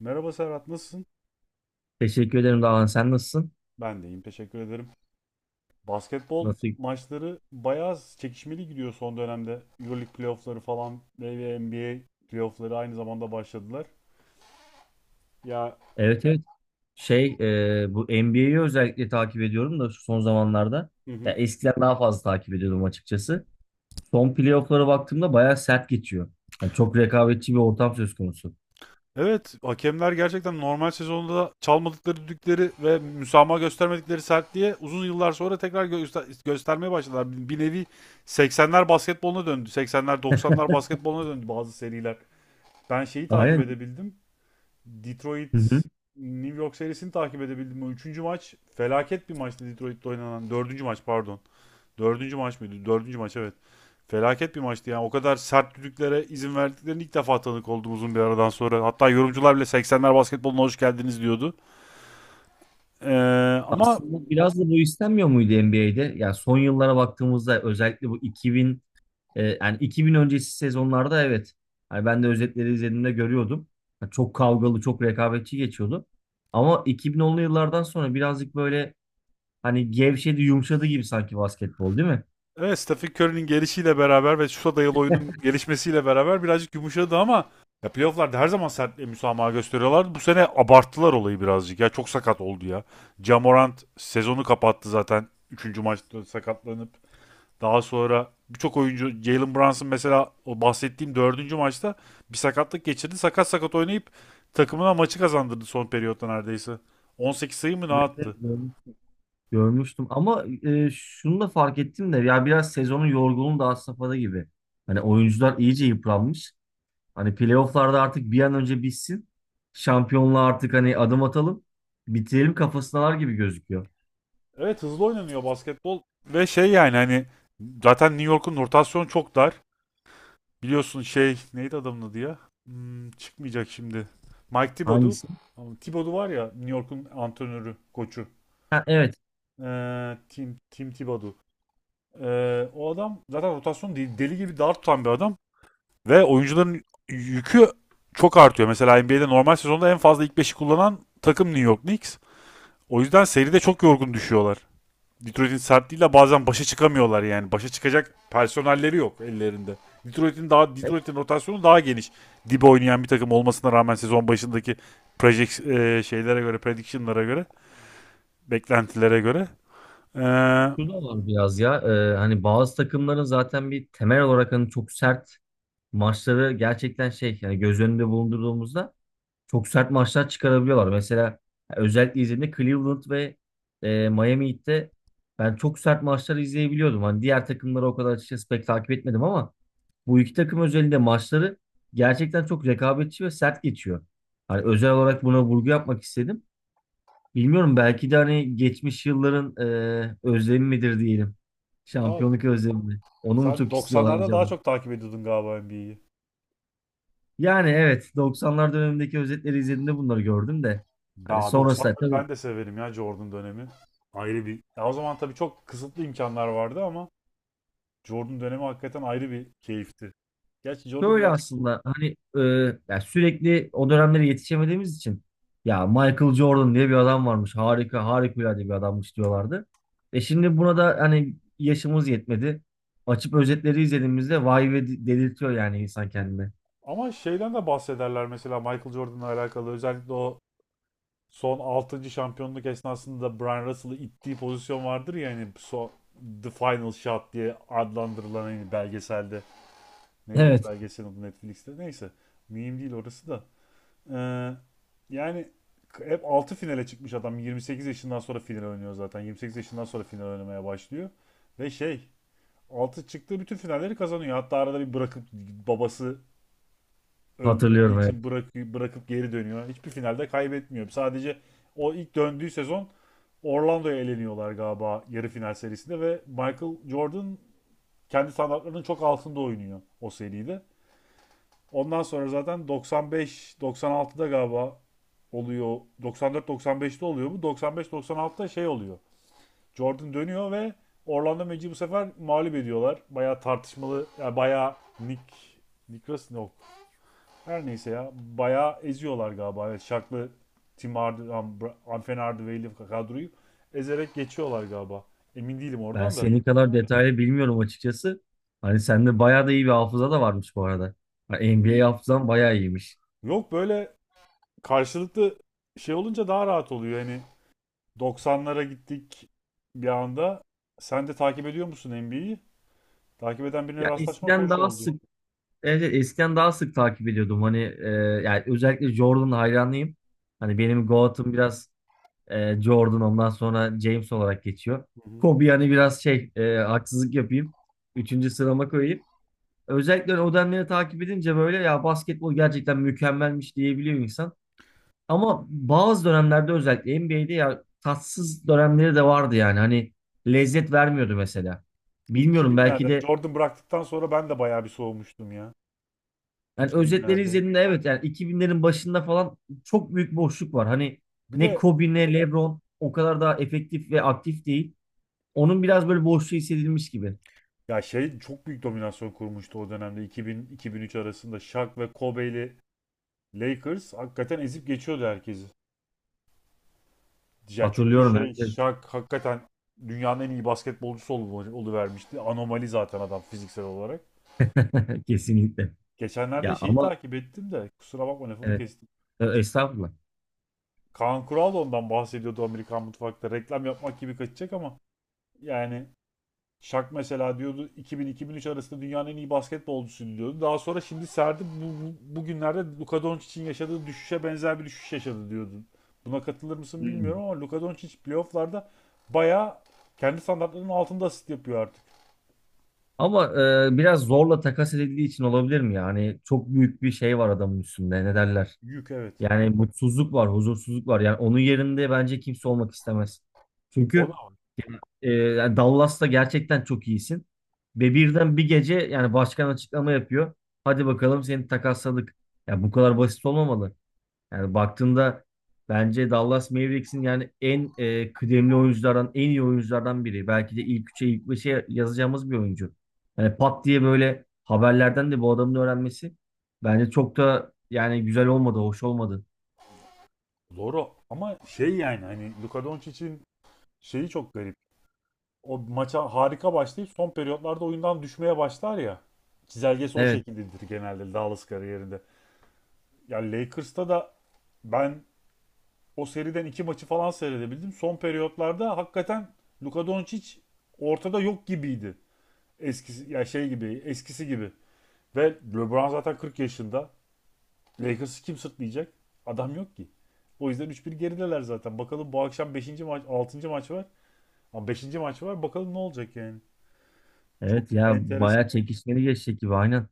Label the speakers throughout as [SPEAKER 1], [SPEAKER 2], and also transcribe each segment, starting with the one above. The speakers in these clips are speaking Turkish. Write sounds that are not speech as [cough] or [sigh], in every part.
[SPEAKER 1] Merhaba Serhat, nasılsın?
[SPEAKER 2] Teşekkür ederim Dağhan. Sen nasılsın?
[SPEAKER 1] Ben de iyiyim, teşekkür ederim. Basketbol
[SPEAKER 2] Nasıl?
[SPEAKER 1] maçları bayağı çekişmeli gidiyor son dönemde. EuroLeague playoffları falan ve NBA playoffları aynı zamanda başladılar. Ya
[SPEAKER 2] Evet evet. Şey, bu NBA'yi özellikle takip ediyorum da şu son zamanlarda.
[SPEAKER 1] hı
[SPEAKER 2] Ya
[SPEAKER 1] hı.
[SPEAKER 2] eskiden daha fazla takip ediyordum açıkçası. Son playoff'lara baktığımda bayağı sert geçiyor. Yani çok rekabetçi bir ortam söz konusu.
[SPEAKER 1] Evet, hakemler gerçekten normal sezonda çalmadıkları düdükleri ve müsamaha göstermedikleri sertliğe uzun yıllar sonra tekrar göstermeye başladılar. Bir nevi 80'ler basketboluna döndü. 80'ler 90'lar basketboluna döndü bazı seriler. Ben şeyi takip
[SPEAKER 2] Aynen.
[SPEAKER 1] edebildim.
[SPEAKER 2] Hı hı.
[SPEAKER 1] Detroit New York serisini takip edebildim. O üçüncü maç felaket bir maçtı Detroit'te oynanan. Dördüncü maç pardon. Dördüncü maç mıydı? Dördüncü maç, evet. Felaket bir maçtı yani. O kadar sert düdüklere izin verdiklerini ilk defa tanık oldum uzun bir aradan sonra. Hatta yorumcular bile 80'ler basketboluna hoş geldiniz diyordu. Ee, ama
[SPEAKER 2] Aslında biraz da bu istenmiyor muydu NBA'de? Yani son yıllara baktığımızda özellikle bu. Yani 2000 öncesi sezonlarda evet. Hani ben de özetleri izlediğimde görüyordum. Ya çok kavgalı, çok rekabetçi geçiyordu. Ama 2010'lu yıllardan sonra birazcık böyle hani gevşedi, yumuşadı gibi sanki basketbol değil mi?
[SPEAKER 1] evet, Stephen Curry'nin gelişiyle beraber ve şuta dayalı oyunun gelişmesiyle beraber birazcık yumuşadı ama ya playofflarda her zaman sertliğe müsamaha gösteriyorlardı. Bu sene abarttılar olayı birazcık ya. Çok sakat oldu ya. Jamorant sezonu kapattı zaten. Üçüncü maçta sakatlanıp. Daha sonra birçok oyuncu Jalen Brunson mesela, o bahsettiğim dördüncü maçta bir sakatlık geçirdi. Sakat sakat oynayıp takımına maçı kazandırdı son periyotta neredeyse. 18 sayı mı ne
[SPEAKER 2] Evet, evet,
[SPEAKER 1] attı?
[SPEAKER 2] görmüştüm. Ama şunu da fark ettim de ya biraz sezonun yorgunluğu da had safhada gibi. Hani oyuncular iyice yıpranmış. Hani playofflarda artık bir an önce bitsin. Şampiyonluğa artık hani adım atalım. Bitirelim kafasındalar gibi gözüküyor.
[SPEAKER 1] Evet, hızlı oynanıyor basketbol ve şey, yani hani zaten New York'un rotasyonu çok dar. Biliyorsun şey neydi adamın adı ya? Hmm, çıkmayacak şimdi. Mike Thibodeau.
[SPEAKER 2] Hangisi?
[SPEAKER 1] Ama Thibodeau var ya, New York'un antrenörü, koçu.
[SPEAKER 2] Ha, evet.
[SPEAKER 1] Tim Thibodeau. O adam zaten rotasyon değil, deli gibi dar tutan bir adam. Ve oyuncuların yükü çok artıyor. Mesela NBA'de normal sezonda en fazla ilk beşi kullanan takım New York Knicks. O yüzden seride çok yorgun düşüyorlar. Detroit'in sertliğiyle bazen başa çıkamıyorlar yani. Başa çıkacak personelleri yok ellerinde. Detroit'in daha Detroit'in rotasyonu daha geniş. Dibe oynayan bir takım olmasına rağmen sezon başındaki project şeylere göre, prediction'lara göre, beklentilere göre. Ee,
[SPEAKER 2] Şu da var biraz ya. Hani bazı takımların zaten bir temel olarak hani çok sert maçları gerçekten şey yani göz önünde bulundurduğumuzda çok sert maçlar çıkarabiliyorlar. Mesela özellikle izlediğimde Cleveland ve Miami Heat'te ben çok sert maçları izleyebiliyordum. Hani diğer takımları o kadar açıkçası pek takip etmedim ama bu iki takım özelinde maçları gerçekten çok rekabetçi ve sert geçiyor. Hani özel olarak buna vurgu yapmak istedim. Bilmiyorum belki de hani geçmiş yılların özlemi midir diyelim.
[SPEAKER 1] ya
[SPEAKER 2] Şampiyonluk özlemi mi? Onu mu
[SPEAKER 1] sen
[SPEAKER 2] çok istiyorlar
[SPEAKER 1] 90'larda
[SPEAKER 2] acaba?
[SPEAKER 1] daha çok takip ediyordun galiba NBA'yi.
[SPEAKER 2] Yani evet 90'lar dönemindeki özetleri izlediğimde bunları gördüm de. Hani
[SPEAKER 1] Daha
[SPEAKER 2] sonrasında
[SPEAKER 1] 90'ları
[SPEAKER 2] tabii
[SPEAKER 1] ben de severim ya, Jordan dönemi. Ayrı bir. Ya o zaman tabii çok kısıtlı imkanlar vardı ama Jordan dönemi hakikaten ayrı bir keyifti. Gerçi Jordan
[SPEAKER 2] şöyle
[SPEAKER 1] birazcık
[SPEAKER 2] aslında hani ya sürekli o dönemlere yetişemediğimiz için ya Michael Jordan diye bir adam varmış. Harika harikulade bir adammış diyorlardı. Şimdi buna da hani yaşımız yetmedi. Açıp özetleri izlediğimizde vay ve delirtiyor yani insan kendini.
[SPEAKER 1] ama şeyden de bahsederler mesela Michael Jordan'la alakalı. Özellikle o son altıncı şampiyonluk esnasında Brian Russell'ı ittiği pozisyon vardır ya hani, The Final Shot diye adlandırılan hani belgeselde. Neydi o
[SPEAKER 2] Evet.
[SPEAKER 1] belgeselin adı Netflix'te? Neyse. Mühim değil orası da. Ee, yani hep 6 finale çıkmış adam. 28 yaşından sonra final oynuyor zaten. 28 yaşından sonra final oynamaya başlıyor. Ve şey, 6 çıktığı bütün finalleri kazanıyor. Hatta arada bir bırakıp babası öldürüldüğü
[SPEAKER 2] Hatırlıyorum
[SPEAKER 1] için
[SPEAKER 2] evet.
[SPEAKER 1] bırakıp geri dönüyor. Hiçbir finalde kaybetmiyor. Sadece o ilk döndüğü sezon Orlando'ya eleniyorlar galiba yarı final serisinde ve Michael Jordan kendi standartlarının çok altında oynuyor o seride. Ondan sonra zaten 95-96'da galiba oluyor. 94-95'te oluyor bu. 95-96'da şey oluyor. Jordan dönüyor ve Orlando Magic'i bu sefer mağlup ediyorlar. Bayağı tartışmalı, yani bayağı yok. Her neyse ya. Bayağı eziyorlar galiba. Evet, Şaklı Tim Hard- Am- Bra- Amfen Hardaway'li kadroyu ezerek geçiyorlar galiba. Emin değilim
[SPEAKER 2] Ben
[SPEAKER 1] oradan da.
[SPEAKER 2] senin kadar detaylı bilmiyorum açıkçası. Hani sende bayağı da iyi bir hafıza da varmış bu arada. Hani NBA hafızan bayağı iyiymiş.
[SPEAKER 1] Yok, böyle karşılıklı şey olunca daha rahat oluyor. Yani 90'lara gittik bir anda. Sen de takip ediyor musun NBA'yi? Takip eden birine
[SPEAKER 2] Ya
[SPEAKER 1] rastlaşmak
[SPEAKER 2] eskiden
[SPEAKER 1] hoş
[SPEAKER 2] daha
[SPEAKER 1] oldu.
[SPEAKER 2] sık, evet, evet, eskiden daha sık takip ediyordum. Hani yani özellikle Jordan hayranıyım. Hani
[SPEAKER 1] Hı hı,
[SPEAKER 2] benim GOAT'ım biraz Jordan, ondan sonra James olarak geçiyor.
[SPEAKER 1] hı hı.
[SPEAKER 2] Kobe yani biraz şey haksızlık yapayım. Üçüncü sırama koyayım. Özellikle o dönemleri takip edince böyle ya basketbol gerçekten mükemmelmiş diyebiliyor insan. Ama bazı dönemlerde özellikle NBA'de ya tatsız dönemleri de vardı yani. Hani lezzet vermiyordu mesela. Bilmiyorum belki
[SPEAKER 1] 2000'lerde
[SPEAKER 2] de
[SPEAKER 1] Jordan bıraktıktan sonra ben de bayağı bir soğumuştum ya.
[SPEAKER 2] yani özetleri
[SPEAKER 1] 2000'lerde.
[SPEAKER 2] izlediğimde evet yani 2000'lerin başında falan çok büyük boşluk var. Hani
[SPEAKER 1] Bir
[SPEAKER 2] ne
[SPEAKER 1] de
[SPEAKER 2] Kobe ne LeBron o kadar daha efektif ve aktif değil. Onun biraz böyle boşluğu hissedilmiş gibi.
[SPEAKER 1] ya şey, çok büyük dominasyon kurmuştu o dönemde 2000-2003 arasında Shaq ve Kobe'li Lakers hakikaten ezip geçiyordu herkesi. Ya çünkü
[SPEAKER 2] Hatırlıyorum
[SPEAKER 1] şey,
[SPEAKER 2] evet.
[SPEAKER 1] Shaq hakikaten dünyanın en iyi basketbolcusu oluvermişti. Anomali zaten adam fiziksel olarak.
[SPEAKER 2] Evet. [laughs] Kesinlikle.
[SPEAKER 1] Geçenlerde
[SPEAKER 2] Ya
[SPEAKER 1] şeyi
[SPEAKER 2] ama
[SPEAKER 1] takip ettim de kusura bakma lafını
[SPEAKER 2] evet,
[SPEAKER 1] kestim.
[SPEAKER 2] estağfurullah.
[SPEAKER 1] Kaan Kural da ondan bahsediyordu Amerikan mutfakta. Reklam yapmak gibi kaçacak ama yani Şak mesela, diyordu, 2000-2003 arasında dünyanın en iyi basketbolcusu diyordu. Daha sonra şimdi serdi bugünlerde Luka Doncic'in yaşadığı düşüşe benzer bir düşüş yaşadı diyordu. Buna katılır mısın
[SPEAKER 2] Hmm.
[SPEAKER 1] bilmiyorum ama Luka Doncic playofflarda bayağı kendi standartlarının altında asist yapıyor artık.
[SPEAKER 2] Ama biraz zorla takas edildiği için olabilir mi? Yani çok büyük bir şey var adamın üstünde. Ne derler?
[SPEAKER 1] Yük, evet.
[SPEAKER 2] Yani mutsuzluk var, huzursuzluk var. Yani onun yerinde bence kimse olmak istemez.
[SPEAKER 1] O da
[SPEAKER 2] Çünkü yani Dallas'ta gerçekten çok iyisin. Ve birden bir gece yani başkan açıklama yapıyor. Hadi bakalım seni takasladık. Ya bu kadar basit olmamalı. Yani baktığında bence Dallas Mavericks'in yani en kıdemli oyunculardan, en iyi oyunculardan biri. Belki de ilk üçe, ilk beşe yazacağımız bir oyuncu. Yani pat diye böyle haberlerden de bu adamın öğrenmesi bence çok da yani güzel olmadı, hoş olmadı.
[SPEAKER 1] doğru ama şey, yani hani Luka Doncic'in şeyi çok garip. O maça harika başlayıp son periyotlarda oyundan düşmeye başlar ya. Çizelgesi o
[SPEAKER 2] Evet.
[SPEAKER 1] şekildedir genelde Dallas kariyerinde. Ya yani Lakers'ta da ben o seriden iki maçı falan seyredebildim. Son periyotlarda hakikaten Luka Doncic ortada yok gibiydi. Eskisi ya şey gibi, eskisi gibi. Ve LeBron zaten 40 yaşında. Lakers'ı kim sırtlayacak? Adam yok ki. O yüzden üç bir gerideler zaten. Bakalım bu akşam beşinci maç, altıncı maç var. Ama beşinci maç var. Bakalım ne olacak yani. Çok
[SPEAKER 2] Evet ya bayağı
[SPEAKER 1] enteresan.
[SPEAKER 2] çekişmeli geçecek gibi aynen.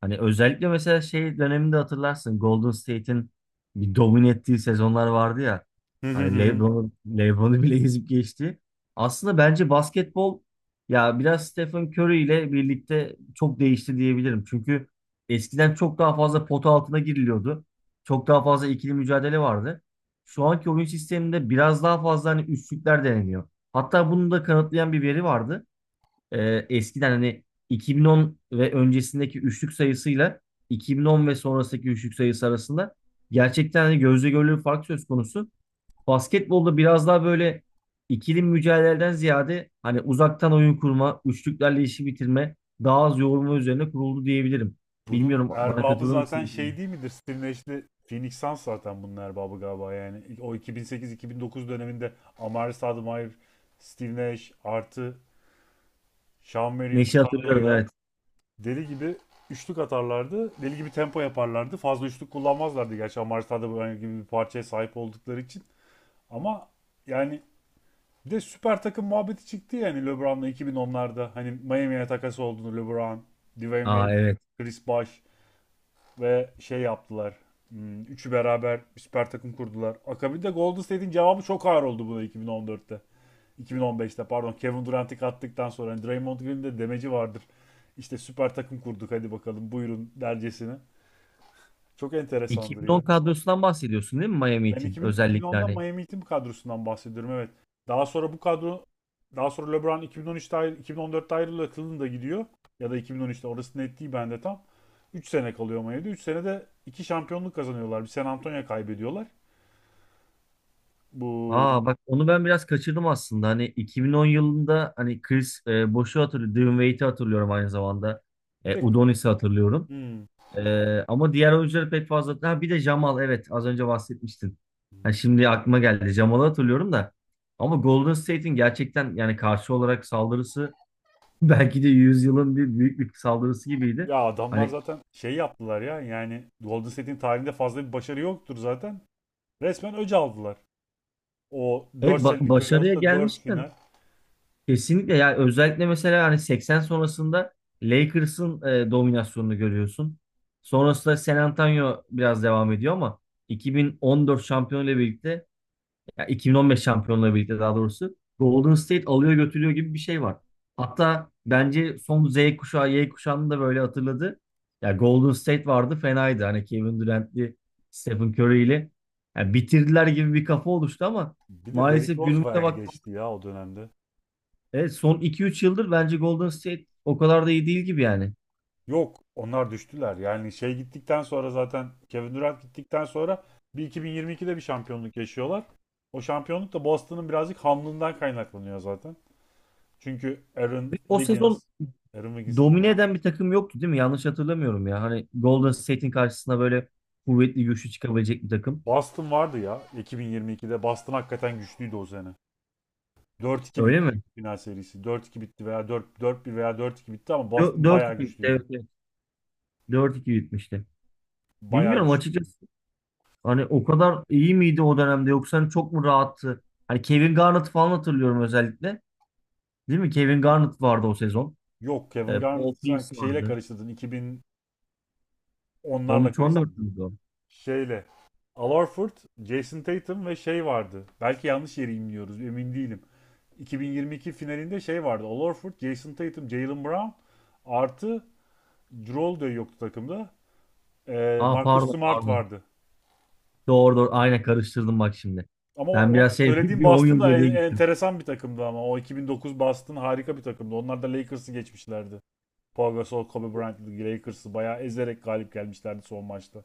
[SPEAKER 2] Hani özellikle mesela şey döneminde hatırlarsın Golden State'in bir domine ettiği sezonlar vardı ya.
[SPEAKER 1] Hı hı
[SPEAKER 2] Hani
[SPEAKER 1] hı.
[SPEAKER 2] LeBron, LeBron'u bile ezip geçti. Aslında bence basketbol ya biraz Stephen Curry ile birlikte çok değişti diyebilirim. Çünkü eskiden çok daha fazla pota altına giriliyordu. Çok daha fazla ikili mücadele vardı. Şu anki oyun sisteminde biraz daha fazla hani üçlükler deneniyor. Hatta bunu da kanıtlayan bir veri vardı, eskiden hani 2010 ve öncesindeki üçlük sayısıyla 2010 ve sonrasındaki üçlük sayısı arasında gerçekten hani gözle görülür bir fark söz konusu. Basketbolda biraz daha böyle ikili mücadeleden ziyade hani uzaktan oyun kurma, üçlüklerle işi bitirme, daha az yoğurma üzerine kuruldu diyebilirim.
[SPEAKER 1] Bunun
[SPEAKER 2] Bilmiyorum, bana
[SPEAKER 1] erbabı
[SPEAKER 2] katılır
[SPEAKER 1] zaten şey
[SPEAKER 2] mısın?
[SPEAKER 1] değil midir? Steve Nash'li Phoenix Suns zaten bunun erbabı galiba yani. O 2008-2009 döneminde Amari Stoudemire, Steve Nash artı Sean Marion'un
[SPEAKER 2] Neşe hatırlıyorum evet.
[SPEAKER 1] kadroyla deli gibi üçlük atarlardı. Deli gibi tempo yaparlardı. Fazla üçlük kullanmazlardı gerçi Amari Stoudemire gibi bir parçaya sahip oldukları için. Ama yani bir de süper takım muhabbeti çıktı yani LeBron'la 2010'larda. Hani Miami'ye takası olduğunu LeBron, Dwayne
[SPEAKER 2] Aa
[SPEAKER 1] Wade,
[SPEAKER 2] evet.
[SPEAKER 1] Chris Bosh ve şey yaptılar. Hmm, üçü beraber bir süper takım kurdular. Akabinde Golden State'in cevabı çok ağır oldu buna, iki bin on dörtte iki bin on beşte, Kevin Durant'i kattıktan sonra hani Draymond Green'in de demeci vardır. İşte süper takım kurduk hadi bakalım buyurun dercesine. Çok enteresandır
[SPEAKER 2] 2010
[SPEAKER 1] ya.
[SPEAKER 2] kadrosundan bahsediyorsun değil mi Miami
[SPEAKER 1] Ben
[SPEAKER 2] Heat'in
[SPEAKER 1] 2000,
[SPEAKER 2] özellikle
[SPEAKER 1] 2010'dan
[SPEAKER 2] hani...
[SPEAKER 1] Miami Heat'in kadrosundan bahsediyorum evet. Daha sonra bu kadro daha sonra LeBron 2014'te ayrılıyor. Cleveland'a gidiyor. Ya da 2013'te, orası net değil bende tam. Üç sene kalıyor Miami'de. 3 senede 2 şampiyonluk kazanıyorlar. Bir San Antonio kaybediyorlar. Bu
[SPEAKER 2] Aa bak onu ben biraz kaçırdım aslında. Hani 2010 yılında hani Chris Bosh'u hatırlıyorum. Dylan Wade'i hatırlıyorum aynı zamanda.
[SPEAKER 1] bir de
[SPEAKER 2] Udonis'i hatırlıyorum.
[SPEAKER 1] hmm.
[SPEAKER 2] Ama diğer oyuncuları pek fazla... Ha, bir de Jamal, evet, az önce bahsetmiştin. Ha, şimdi aklıma geldi. Jamal'ı hatırlıyorum da. Ama Golden State'in gerçekten yani karşı olarak saldırısı [laughs] belki de yüzyılın bir büyük bir saldırısı gibiydi.
[SPEAKER 1] Ya adamlar
[SPEAKER 2] Hani
[SPEAKER 1] zaten şey yaptılar ya, yani Golden State'in tarihinde fazla bir başarı yoktur zaten. Resmen öc aldılar. O
[SPEAKER 2] evet,
[SPEAKER 1] 4 senelik
[SPEAKER 2] başarıya
[SPEAKER 1] periyotta 4
[SPEAKER 2] gelmişken
[SPEAKER 1] final.
[SPEAKER 2] kesinlikle ya, özellikle mesela hani 80 sonrasında Lakers'ın dominasyonunu görüyorsun. Sonrasında San Antonio biraz devam ediyor ama 2014 şampiyonuyla birlikte ya 2015 şampiyonuyla birlikte daha doğrusu Golden State alıyor götürüyor gibi bir şey var. Hatta bence son Z kuşağı Y kuşağını da böyle hatırladı. Ya Golden State vardı, fenaydı. Hani Kevin Durant'li, Stephen Curry'li, ya bitirdiler gibi bir kafa oluştu ama
[SPEAKER 1] Bir de Derrick
[SPEAKER 2] maalesef
[SPEAKER 1] Rose
[SPEAKER 2] günümüze... Evet.
[SPEAKER 1] verdi geçti ya o dönemde.
[SPEAKER 2] Evet, son iki üç yıldır bence Golden State o kadar da iyi değil gibi yani.
[SPEAKER 1] Yok, onlar düştüler. Yani şey gittikten sonra zaten Kevin Durant gittikten sonra bir 2022'de bir şampiyonluk yaşıyorlar. O şampiyonluk da Boston'ın birazcık hamlığından kaynaklanıyor zaten. Çünkü Aaron
[SPEAKER 2] Ve o
[SPEAKER 1] Wiggins,
[SPEAKER 2] sezon
[SPEAKER 1] Aaron Wiggins değil
[SPEAKER 2] domine
[SPEAKER 1] ya.
[SPEAKER 2] eden bir takım yoktu değil mi? Yanlış hatırlamıyorum ya. Hani Golden State'in karşısına böyle kuvvetli güçlü çıkabilecek bir takım.
[SPEAKER 1] Boston vardı ya 2022'de. Boston hakikaten güçlüydü o sene. 4-2
[SPEAKER 2] Öyle
[SPEAKER 1] bitti
[SPEAKER 2] mi?
[SPEAKER 1] çünkü final serisi. 4-2 bitti veya 4 4-1 veya 4-2 bitti ama Boston
[SPEAKER 2] 4-2
[SPEAKER 1] bayağı
[SPEAKER 2] bitti. Evet,
[SPEAKER 1] güçlüydü.
[SPEAKER 2] evet. 4-2 bitmişti.
[SPEAKER 1] Bayağı
[SPEAKER 2] Bilmiyorum
[SPEAKER 1] güçlü.
[SPEAKER 2] açıkçası. Hani o kadar iyi miydi o dönemde yoksa hani çok mu rahattı? Hani Kevin Garnett falan hatırlıyorum özellikle. Değil mi? Kevin Garnett vardı o sezon.
[SPEAKER 1] Yok, Kevin
[SPEAKER 2] Paul
[SPEAKER 1] Garnett
[SPEAKER 2] Pierce
[SPEAKER 1] sanki şeyle
[SPEAKER 2] vardı.
[SPEAKER 1] karıştırdın. İki bin onlarla
[SPEAKER 2] 13-14
[SPEAKER 1] karıştırdın.
[SPEAKER 2] müydü o?
[SPEAKER 1] Şeyle. Al Horford, Jason Tatum ve şey vardı. Belki yanlış yeri imliyoruz, emin değilim. 2022 finalinde şey vardı. Al Horford, Jason Tatum, Jaylen Brown artı Jrue de yoktu takımda.
[SPEAKER 2] Aa
[SPEAKER 1] Marcus
[SPEAKER 2] pardon
[SPEAKER 1] Smart
[SPEAKER 2] pardon.
[SPEAKER 1] vardı.
[SPEAKER 2] Doğru doğru. Aynen karıştırdım bak şimdi.
[SPEAKER 1] Ama
[SPEAKER 2] Ben
[SPEAKER 1] o,
[SPEAKER 2] biraz
[SPEAKER 1] o
[SPEAKER 2] şey [laughs] bir
[SPEAKER 1] söylediğim
[SPEAKER 2] bir 10
[SPEAKER 1] Boston
[SPEAKER 2] yıl
[SPEAKER 1] da
[SPEAKER 2] geriye gittim.
[SPEAKER 1] enteresan bir takımdı ama. O 2009 Boston harika bir takımdı. Onlar da Lakers'ı geçmişlerdi. Paul Gasol, Kobe Bryant, Lakers'ı bayağı ezerek galip gelmişlerdi son maçta.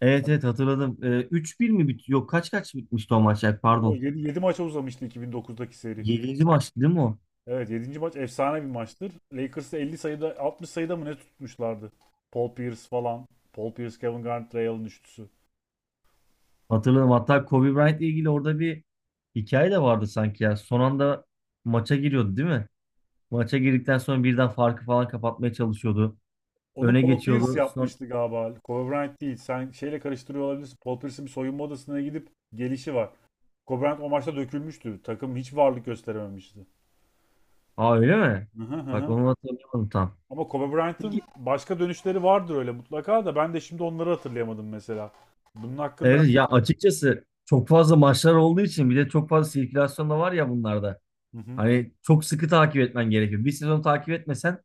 [SPEAKER 2] Evet evet hatırladım. 3-1 mi bitiyor? Yok kaç kaç bitmişti o maç ya, pardon.
[SPEAKER 1] 7 maça uzamıştı 2009'daki seri.
[SPEAKER 2] 7. maçtı değil mi o?
[SPEAKER 1] Evet, yedinci maç efsane bir maçtır. Lakers'ı 50 sayıda, 60 sayıda mı ne tutmuşlardı? Paul Pierce falan. Paul Pierce, Kevin Garnett, Ray Allen üçlüsü.
[SPEAKER 2] Hatırladım. Hatta Kobe Bryant ile ilgili orada bir hikaye de vardı sanki ya. Son anda maça giriyordu değil mi? Maça girdikten sonra birden farkı falan kapatmaya çalışıyordu.
[SPEAKER 1] Onu
[SPEAKER 2] Öne
[SPEAKER 1] Paul Pierce
[SPEAKER 2] geçiyordu. Son...
[SPEAKER 1] yapmıştı galiba. Kobe Bryant değil. Sen şeyle karıştırıyor olabilirsin. Paul Pierce'in bir soyunma odasına gidip gelişi var. Kobe Bryant o maçta dökülmüştü. Takım hiç varlık gösterememişti.
[SPEAKER 2] Aa öyle mi?
[SPEAKER 1] Hı hı
[SPEAKER 2] Bak
[SPEAKER 1] hı.
[SPEAKER 2] onu hatırlayamadım tam.
[SPEAKER 1] Ama Kobe Bryant'ın
[SPEAKER 2] Peki.
[SPEAKER 1] başka dönüşleri vardır öyle mutlaka da ben de şimdi onları hatırlayamadım mesela. Bunun hakkında
[SPEAKER 2] Evet ya, açıkçası çok fazla maçlar olduğu için bir de çok fazla sirkülasyon da var ya bunlarda.
[SPEAKER 1] hı hı.
[SPEAKER 2] Hani çok sıkı takip etmen gerekiyor. Bir sezon takip etmesen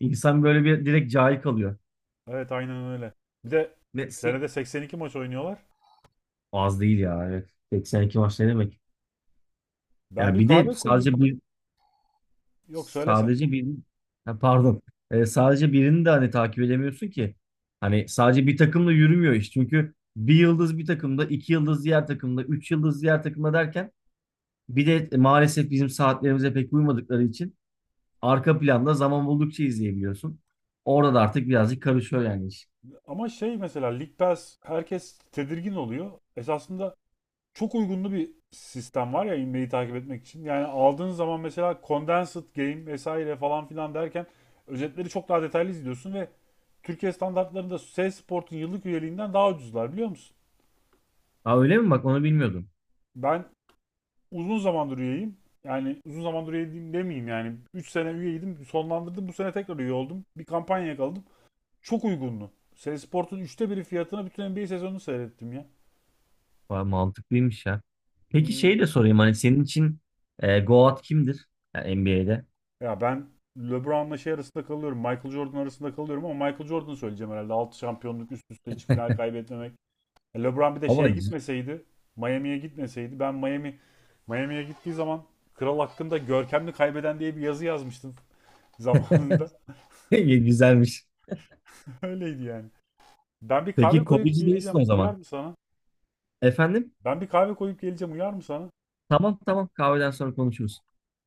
[SPEAKER 2] insan böyle bir direkt cahil kalıyor.
[SPEAKER 1] Evet aynen öyle. Bir de
[SPEAKER 2] Ve
[SPEAKER 1] senede 82 maç oynuyorlar.
[SPEAKER 2] az değil ya. Evet. 82 maç ne demek?
[SPEAKER 1] Ben
[SPEAKER 2] Ya
[SPEAKER 1] bir
[SPEAKER 2] bir de
[SPEAKER 1] kahve
[SPEAKER 2] sadece
[SPEAKER 1] koyayım.
[SPEAKER 2] bir
[SPEAKER 1] Yok söylesen.
[SPEAKER 2] sadece bir ha, pardon. Sadece birini de hani takip edemiyorsun ki. Hani sadece bir takımla yürümüyor iş. Çünkü bir yıldız bir takımda, iki yıldız diğer takımda, üç yıldız diğer takımda derken bir de maalesef bizim saatlerimize pek uymadıkları için arka planda zaman buldukça izleyebiliyorsun. Orada da artık birazcık karışıyor yani iş.
[SPEAKER 1] Ama şey, mesela League Pass, herkes tedirgin oluyor. Esasında çok uygunlu bir sistem var ya inmeyi takip etmek için. Yani aldığın zaman mesela Condensed Game vesaire falan filan derken özetleri çok daha detaylı izliyorsun ve Türkiye standartlarında SES Sport'un yıllık üyeliğinden daha ucuzlar, biliyor musun?
[SPEAKER 2] Aa, öyle mi? Bak onu bilmiyordum.
[SPEAKER 1] Ben uzun zamandır üyeyim. Yani uzun zamandır üyeyim demeyeyim yani. Üç sene üyeydim, sonlandırdım, bu sene tekrar üye oldum. Bir kampanya yakaladım. Çok uygundu. Seri üçte biri fiyatına bütün NBA sezonunu seyrettim ya.
[SPEAKER 2] Vay, mantıklıymış ya. Peki
[SPEAKER 1] Hmm.
[SPEAKER 2] şey de sorayım, hani senin için Goat kimdir? Yani NBA'de.
[SPEAKER 1] Ya ben LeBron'la şey arasında kalıyorum. Michael Jordan arasında kalıyorum ama Michael Jordan'ı söyleyeceğim herhalde. Altı şampiyonluk üst üste, hiç final kaybetmemek. E, LeBron bir de
[SPEAKER 2] Ama [laughs]
[SPEAKER 1] şeye gitmeseydi, Miami'ye gitmeseydi, ben Miami Miami'ye gittiği zaman kral hakkında görkemli kaybeden diye bir yazı yazmıştım zamanında.
[SPEAKER 2] güzelmiş.
[SPEAKER 1] [laughs] Öyleydi yani. Ben bir kahve
[SPEAKER 2] Peki
[SPEAKER 1] koyup
[SPEAKER 2] Kobe'ci değilsin
[SPEAKER 1] geleceğim.
[SPEAKER 2] o
[SPEAKER 1] Uyar
[SPEAKER 2] zaman.
[SPEAKER 1] mı sana?
[SPEAKER 2] Efendim?
[SPEAKER 1] Ben bir kahve koyup geleceğim. Uyar mı sana?
[SPEAKER 2] Tamam tamam, kahveden sonra konuşuruz.